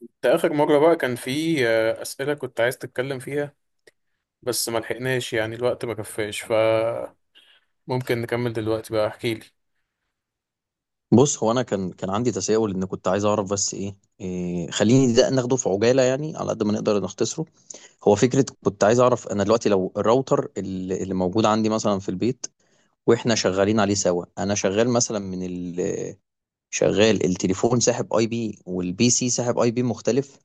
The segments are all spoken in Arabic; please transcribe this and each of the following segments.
ده آخر مرة بقى كان في أسئلة كنت عايز تتكلم فيها، بس ما لحقناش يعني الوقت ما كفاش، فممكن نكمل دلوقتي بقى. احكي لي. بص، هو انا كان عندي تساؤل، ان كنت عايز اعرف. بس ايه, إيه، خليني ده ناخده في عجاله يعني على قد ما نقدر نختصره. هو فكره، كنت عايز اعرف، انا دلوقتي لو الراوتر اللي موجود عندي مثلا في البيت، واحنا شغالين عليه سوا. انا شغال مثلا من ال شغال التليفون ساحب اي بي، والبي سي ساحب اي بي مختلف،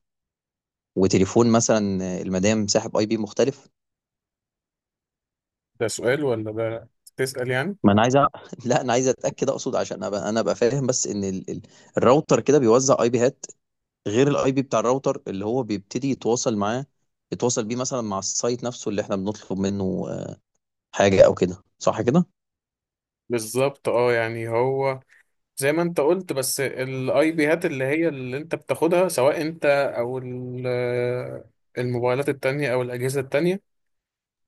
وتليفون مثلا المدام ساحب اي بي مختلف. ده سؤال ولا ده تسأل يعني؟ ما انا عايز لا، انا عايز اتاكد، اقصد عشان ابقى انا ابقى فاهم. بس ان الراوتر كده بيوزع اي بيهات غير الاي بي بتاع الراوتر، اللي هو بيبتدي يتواصل معاه، يتواصل بيه مثلا مع السايت نفسه اللي احنا بنطلب منه حاجة او كده. صح كده؟ بالظبط، يعني هو زي ما انت قلت. بس الاي بيهات اللي هي اللي انت بتاخدها سواء انت او ال- آه، الموبايلات التانية او الأجهزة التانية،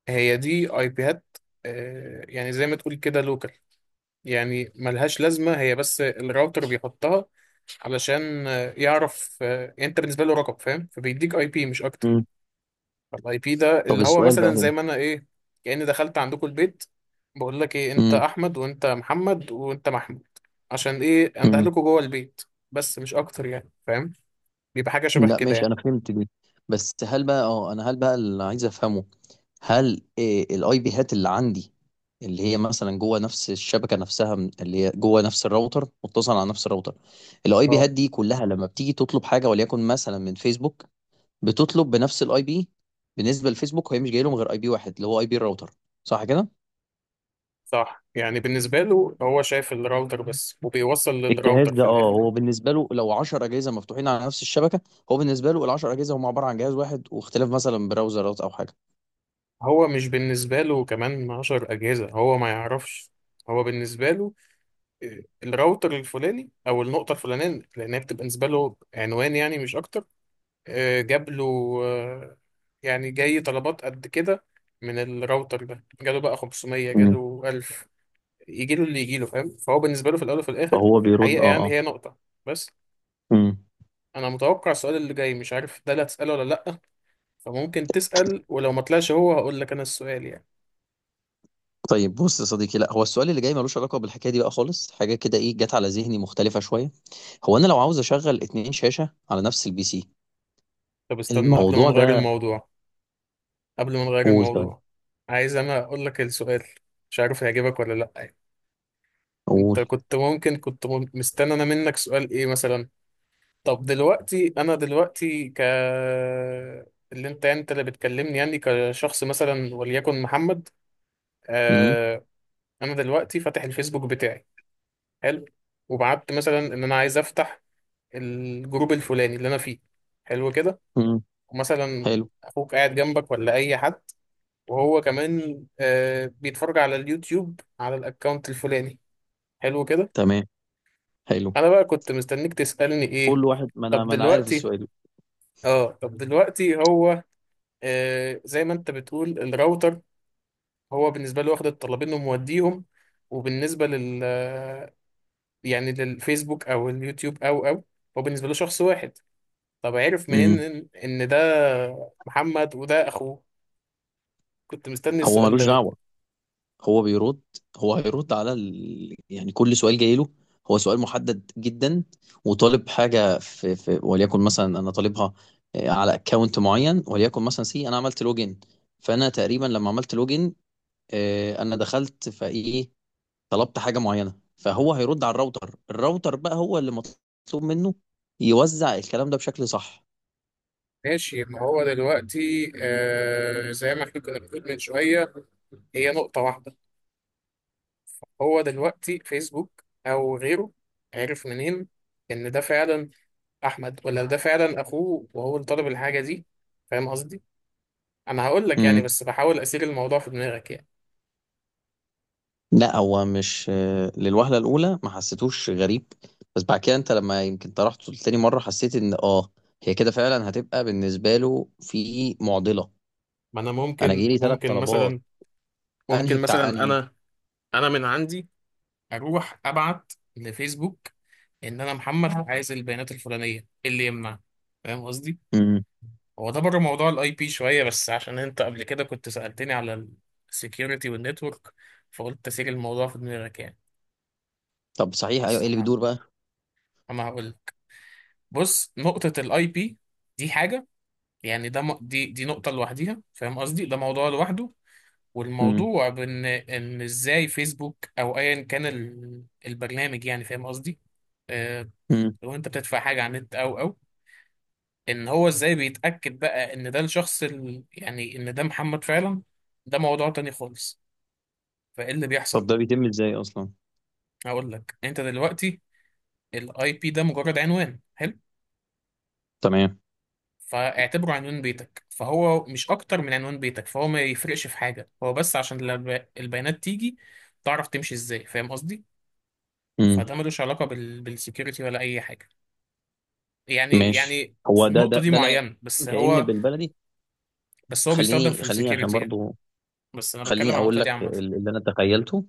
هي دي اي بيهات. يعني زي ما تقول كده لوكال، يعني ملهاش لازمة. هي بس الراوتر بيحطها علشان يعرف، يعني انت بالنسبة له رقم، فاهم؟ فبيديك اي بي مش اكتر. مم. الاي بي ده طب اللي هو السؤال بقى مثلا زي هنا. ما انا ايه، كأني دخلت عندكم البيت، بقول لك ايه انت امم احمد وانت محمد وانت محمود. عشان ايه انده امم لكم جوه البيت؟ بس مش اكتر يعني، فاهم؟ بيبقى حاجة شبه لا كده ماشي، يعني. انا فهمت دي. بس هل بقى اللي عايز افهمه، هل الاي بي هات اللي عندي، اللي هي مثلا جوه نفس الشبكه نفسها اللي هي جوه نفس الراوتر، متصل على نفس الراوتر، الاي بي اه هات دي كلها لما بتيجي تطلب حاجه وليكن مثلا من فيسبوك، بتطلب بنفس الاي بي؟ بالنسبه للفيسبوك هي مش جاي لهم غير اي بي واحد، اللي هو اي بي الراوتر. صح كده؟ صح، يعني بالنسبة له هو شايف الراوتر بس، وبيوصل للراوتر الجهاز في ده، اه، الاخر. هو بالنسبه له لو 10 اجهزه مفتوحين على نفس الشبكه، هو بالنسبه له ال 10 اجهزه هم عباره عن جهاز واحد، واختلاف مثلا براوزرات او حاجه. هو مش بالنسبة له كمان 10 أجهزة، هو ما يعرفش. هو بالنسبة له الراوتر الفلاني أو النقطة الفلانية، لأنها بتبقى بالنسبة له عنوان يعني، مش أكتر. آه، جاب له آه، يعني جاي طلبات قد كده. من الراوتر ده جاله بقى 500، مم. جاله 1000، يجيله اللي يجيله، فاهم؟ فهو بالنسبة له في الأول وفي الآخر فهو في بيرد، الحقيقة اه يعني اه. هي نقطة بس. مم. أنا متوقع السؤال اللي جاي، مش عارف ده اللي هتسأله ولا لأ، فممكن تسأل، ولو ما طلعش هو هقول لك أنا السؤال يعني. طيب بص يا صديقي، لا هو السؤال اللي جاي ملوش علاقه بالحكايه دي بقى خالص، حاجه كده ايه جت على ذهني مختلفه شويه. هو انا لو عاوز اشغل اتنين شاشه على نفس البي سي، طب استنى قبل ما الموضوع نغير ده. الموضوع، قبل ما نغير قول. طيب الموضوع، عايز انا اقول لك السؤال، مش عارف هيعجبك ولا لا يعني. انت قول. كنت ممكن كنت مستني انا منك سؤال ايه مثلا؟ طب دلوقتي انا دلوقتي ك، اللي انت اللي بتكلمني يعني كشخص، مثلا وليكن محمد. امم آه، انا دلوقتي فاتح الفيسبوك بتاعي، حلو، وبعت مثلا ان انا عايز افتح الجروب الفلاني اللي انا فيه، حلو كده. مم. ومثلا حلو. اخوك قاعد جنبك ولا اي حد، وهو كمان آه بيتفرج على اليوتيوب على الاكونت الفلاني، حلو كده. تمام. حلو. انا بقى كنت مستنيك تسألني ايه؟ كل واحد، ما انا طب ما انا عارف دلوقتي، السؤال. اه طب دلوقتي هو آه زي ما انت بتقول الراوتر، هو بالنسبة له واخد الطلبين وموديهم، وبالنسبة لل آه، يعني للفيسبوك او اليوتيوب او، هو بالنسبة له شخص واحد. طب عرف منين امم. ان ده محمد وده اخوه؟ كنت مستني هو السؤال ده. ملوش دعوه، هو بيرد، هو هيرد على يعني كل سؤال جاي له، هو سؤال محدد جدا، وطالب حاجه في وليكن مثلا انا طالبها على اكونت معين، وليكن مثلا سي انا عملت لوجن. فانا تقريبا لما عملت لوجن، انا دخلت فايه، طلبت حاجه معينه، فهو هيرد على الراوتر. الراوتر بقى هو اللي مطلوب منه يوزع الكلام ده بشكل صح. ماشي، ما هو دلوقتي آه زي ما احنا كنا بنقول من شوية، هي نقطة واحدة. هو دلوقتي فيسبوك أو غيره عرف منين إن ده فعلا أحمد ولا ده فعلا أخوه وهو اللي طلب الحاجة دي؟ فاهم قصدي؟ أنا هقول لك يعني، بس بحاول أسير الموضوع في دماغك يعني. لا، هو مش للوهلة الأولى ما حسيتوش غريب، بس بعد كده أنت لما يمكن طرحته تاني مرة، حسيت إن آه، هي كده فعلا هتبقى بالنسبة له في معضلة. ما أنا أنا ممكن جاي لي ثلاث طلبات، مثلا، أنهي بتاع أنهي. أنا، أنا من عندي أروح أبعت لفيسبوك إن أنا محمد عايز البيانات الفلانية، إيه اللي يمنع؟ فاهم قصدي؟ امم. هو ده بره موضوع الاي بي شويه، بس عشان انت قبل كده كنت سالتني على السكيورتي والنتورك، فقلت اسيب الموضوع في دماغك يعني. طب صحيح، أيوه، بص إيه اللي انا، بيدور بقى؟ هقول لك. بص نقطه الاي بي دي حاجه يعني، ده م- دي دي نقطه لوحديها، فاهم قصدي؟ ده موضوع لوحده. امم. والموضوع بان ان ازاي فيسبوك او ايا كان البرنامج يعني، فاهم قصدي؟ آه، امم. لو انت بتدفع حاجه على النت او ان هو ازاي بيتاكد بقى ان ده الشخص يعني ان ده محمد فعلا. ده موضوع تاني خالص. فايه اللي طب بيحصل؟ ده بيتم إزاي أصلا؟ هقول لك. انت دلوقتي الاي بي ده مجرد عنوان، حلو، تمام. فاعتبره عنوان بيتك، فهو مش اكتر من عنوان بيتك. فهو ما يفرقش في حاجه، هو بس عشان لما البيانات تيجي تعرف تمشي ازاي، فاهم قصدي؟ امم. فده ملوش علاقه بالسكيورتي ولا اي حاجه يعني. ماشي. يعني في هو ده ده النقطه دي ده لا، معينه بس كأن هو، بالبلدي، بس هو بيستخدم في خليني عشان السكيورتي يعني، برضو، بس انا بتكلم خليني عن أقول النقطه دي لك عامه. اللي أنا تخيلته،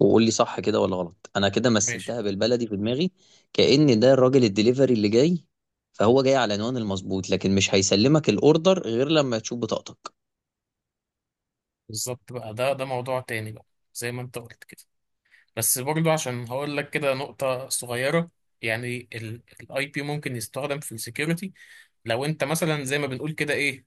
وقول لي صح كده ولا غلط. انا كده ماشي. مثلتها بالبلدي في دماغي، كأن ده الراجل الدليفري اللي جاي، فهو جاي على العنوان المظبوط، لكن مش هيسلمك الاوردر غير لما تشوف بطاقتك. بالظبط بقى، ده موضوع تاني بقى، زي ما انت قلت كده. بس برضو عشان هقول لك كده نقطة صغيرة يعني. الاي بي ممكن يستخدم في السكيورتي. لو انت مثلا زي ما بنقول كده ايه،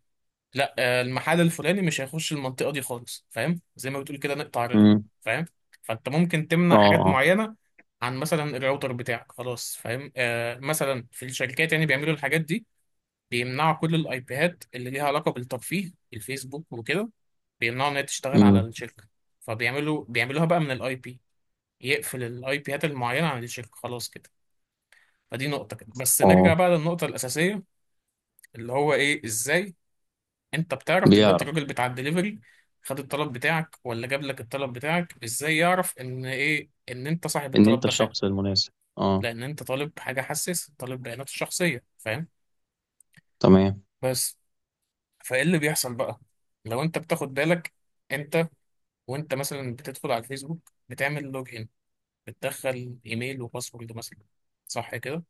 لا آه، المحل الفلاني مش هيخش المنطقة دي خالص، فاهم؟ زي ما بتقول كده نقطع رجله، امم. فاهم؟ فانت ممكن اه تمنع حاجات اه. معينة عن مثلا الراوتر بتاعك، خلاص، فاهم؟ آه مثلا في الشركات يعني بيعملوا الحاجات دي، بيمنعوا كل الايبيهات اللي ليها علاقة بالترفيه، الفيسبوك وكده، بيمنعوا ان هي تشتغل على امم. الشركة، فبيعملوا بقى من الاي بي، يقفل الاي بيات المعينه عن الشركه، خلاص كده. فدي نقطه كده بس، نرجع اه، بقى للنقطه الاساسيه، اللي هو ايه، ازاي انت بتعرف دلوقتي بيعرف الراجل بتاع الدليفري خد الطلب بتاعك ولا جاب لك الطلب بتاعك، ازاي يعرف ان ايه ان انت صاحب ان الطلب انت ده فعلا؟ الشخص المناسب، اه. لان انت طالب حاجه حساس، طالب بيانات الشخصيه، فاهم؟ تمام. بس. فايه اللي بيحصل بقى؟ لو انت بتاخد بالك، انت وانت مثلا بتدخل على الفيسبوك بتعمل لوجين، بتدخل ايميل وباسورد مثلا، صح كده؟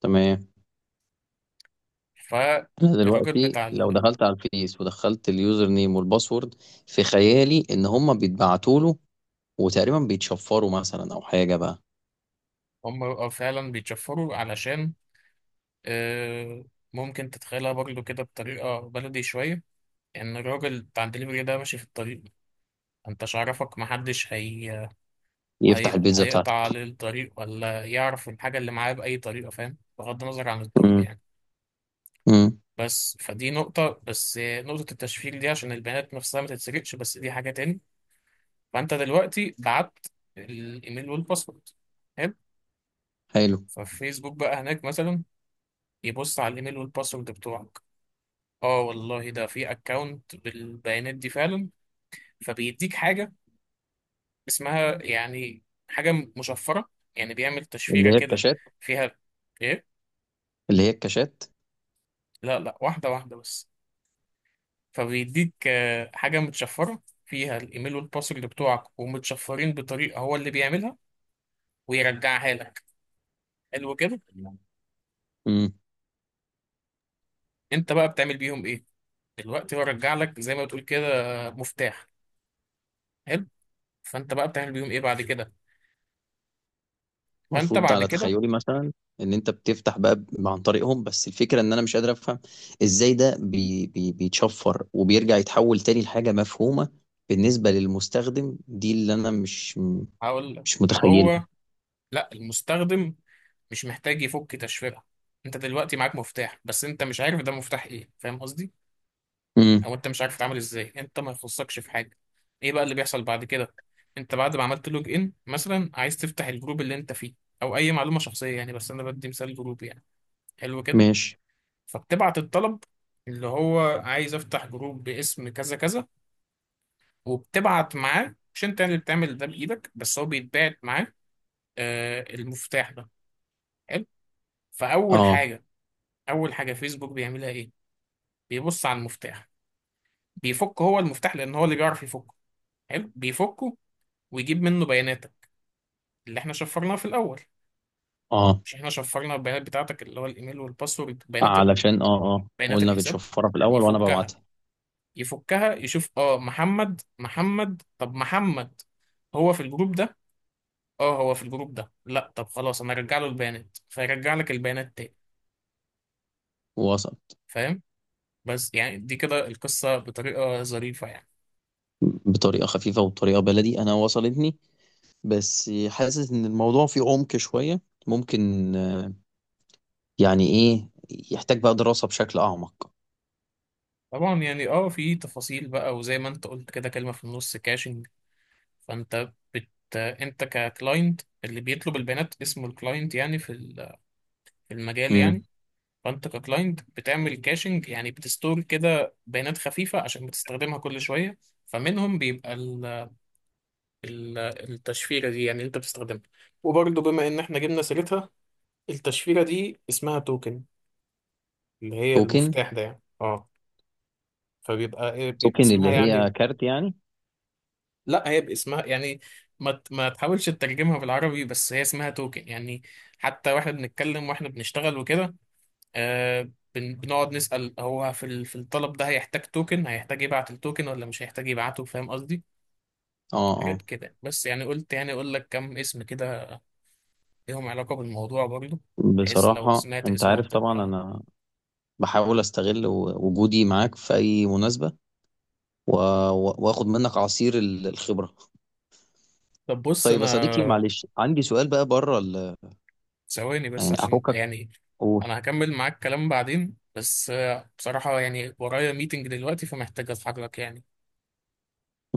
تمام. ف انا الراجل دلوقتي بتاع، لو دخلت على الفيس ودخلت اليوزر نيم والباسورد، في خيالي ان هما بيتبعتوا له، وتقريبا بيتشفروا مثلا او حاجه بقى. هم بيبقوا فعلا بيتشفروا علشان آه، ممكن تتخيلها برضو كده بطريقة بلدي شوية، إن الراجل بتاع الدليفري ده ماشي في الطريق، انتش عرفك محدش، يفتح البيتزا هيقطع بتاعته. عليه الطريق ولا يعرف الحاجة اللي معاه بأي طريقة، فاهم؟ بغض النظر عن الطرق امم. يعني. امم. بس فدي نقطة، بس نقطة التشفير دي عشان البيانات نفسها ما تتسرقش، بس دي حاجة تاني. فأنت دلوقتي بعت الإيميل والباسورد، حلو. حلو. ففيسبوك بقى هناك مثلا يبص على الإيميل والباسورد بتوعك، اه والله ده في اكونت بالبيانات دي فعلا، فبيديك حاجه اسمها يعني، حاجه مشفره يعني، بيعمل تشفيره اللي هي كده الكاشات. فيها ايه، اللي هي الكاشات. لا واحده واحده بس. فبيديك حاجه متشفره فيها الايميل والباسورد بتوعك، ومتشفرين بطريقه هو اللي بيعملها ويرجعها لك، حلو كده. امم. انت بقى بتعمل بيهم ايه؟ دلوقتي هو رجع لك زي ما بتقول كده مفتاح، حلو، فانت بقى بتعمل بيهم ايه بعد كده؟ فانت المفروض، بعد على كده، تخيلي مثلا، ان انت بتفتح بقى عن طريقهم. بس الفكره ان انا مش قادر افهم ازاي ده بي بيتشفر وبيرجع يتحول تاني لحاجه مفهومه بالنسبه للمستخدم. دي اللي انا مش هقول لك. ما هو متخيلها. لا المستخدم مش محتاج يفك تشفيرة. انت دلوقتي معاك مفتاح، بس انت مش عارف ده مفتاح ايه، فاهم قصدي؟ امم. او انت مش عارف تتعامل ازاي، انت ما يخصكش في حاجة. ايه بقى اللي بيحصل بعد كده؟ انت بعد ما عملت لوج ان مثلا عايز تفتح الجروب اللي انت فيه او اي معلومة شخصية يعني، بس انا بدي مثال جروب يعني. حلو كده. ماشي. فبتبعت الطلب اللي هو عايز افتح جروب باسم كذا كذا، وبتبعت معاه، مش انت يعني اللي بتعمل ده بايدك، بس هو بيتبعت معاه آه المفتاح ده، حلو. فاول اه حاجة، اول حاجه فيسبوك بيعملها ايه؟ بيبص على المفتاح، بيفك هو المفتاح لان هو اللي بيعرف يفكه. حلو، بيفكه ويجيب منه بياناتك اللي احنا شفرناها في الاول. اه. مش احنا شفرنا البيانات بتاعتك اللي هو الايميل والباسورد، علشان اه اه، بيانات قلنا الحساب، بنشفرها في الاول وانا يفكها. ببعتها. يفكها يشوف اه محمد محمد، طب محمد هو في الجروب ده؟ اه هو في الجروب ده، لا طب خلاص انا ارجع له البيانات، فيرجع لك البيانات تاني، وصل. فاهم؟ بس يعني دي كده القصة بطريقة ظريفة يعني. بطريقه خفيفه وبطريقه بلدي انا وصلتني، بس حاسس ان الموضوع فيه عمق شويه. ممكن يعني ايه، يحتاج بقى دراسة بشكل اعمق. طبعا يعني اه في تفاصيل بقى، وزي ما انت قلت كده كلمة في النص كاشنج. فانت بت، انت ككلاينت اللي بيطلب البيانات اسمه الكلاينت يعني في في المجال يعني. امم. فانت ككلاينت بتعمل كاشنج يعني، بتستور كده بيانات خفيفة عشان بتستخدمها كل شوية. فمنهم بيبقى التشفيرة دي يعني اللي انت بتستخدمها، وبرضه بما ان احنا جبنا سيرتها، التشفيرة دي اسمها توكن، اللي هي توكن. المفتاح ده يعني اه. فبيبقى ايه؟ بيبقى توكن اسمها اللي هي يعني، كارت يعني. لا هي باسمها يعني، ما تحاولش تترجمها بالعربي، بس هي اسمها توكن يعني. حتى واحنا بنتكلم واحنا بنشتغل وكده، آه بنقعد نسأل هو في في الطلب ده هيحتاج توكن، هيحتاج يبعت التوكن ولا مش هيحتاج يبعته، فاهم قصدي؟ اه حاجات اه. كده بس يعني، قلت يعني اقول لك كم اسم كده ليهم علاقة بالموضوع برضه، بحيث لو بصراحة سمعت انت اسمهم عارف طبعا تبقى. انا بحاول استغل وجودي معاك في اي مناسبة، و- واخد منك عصير الخبرة. طب بص طيب يا صديقي، انا، معلش عندي سؤال بقى بره ثواني بس يعني عشان افكك. يعني، قول. انا هكمل معاك كلام بعدين، بس بصراحة يعني ورايا ميتنج دلوقتي، فمحتاج اتحرك يعني.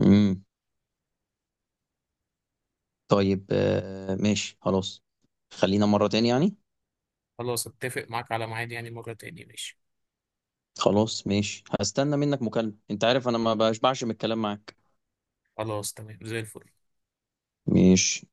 امم. طيب آه، ماشي خلاص، خلينا مرة تاني يعني. خلاص اتفق معاك على ميعاد يعني مرة تاني، ماشي؟ خلاص ماشي، هستنى منك مكالمة، انت عارف انا ما بشبعش من الكلام معاك. خلاص تمام زي الفل. ماشي.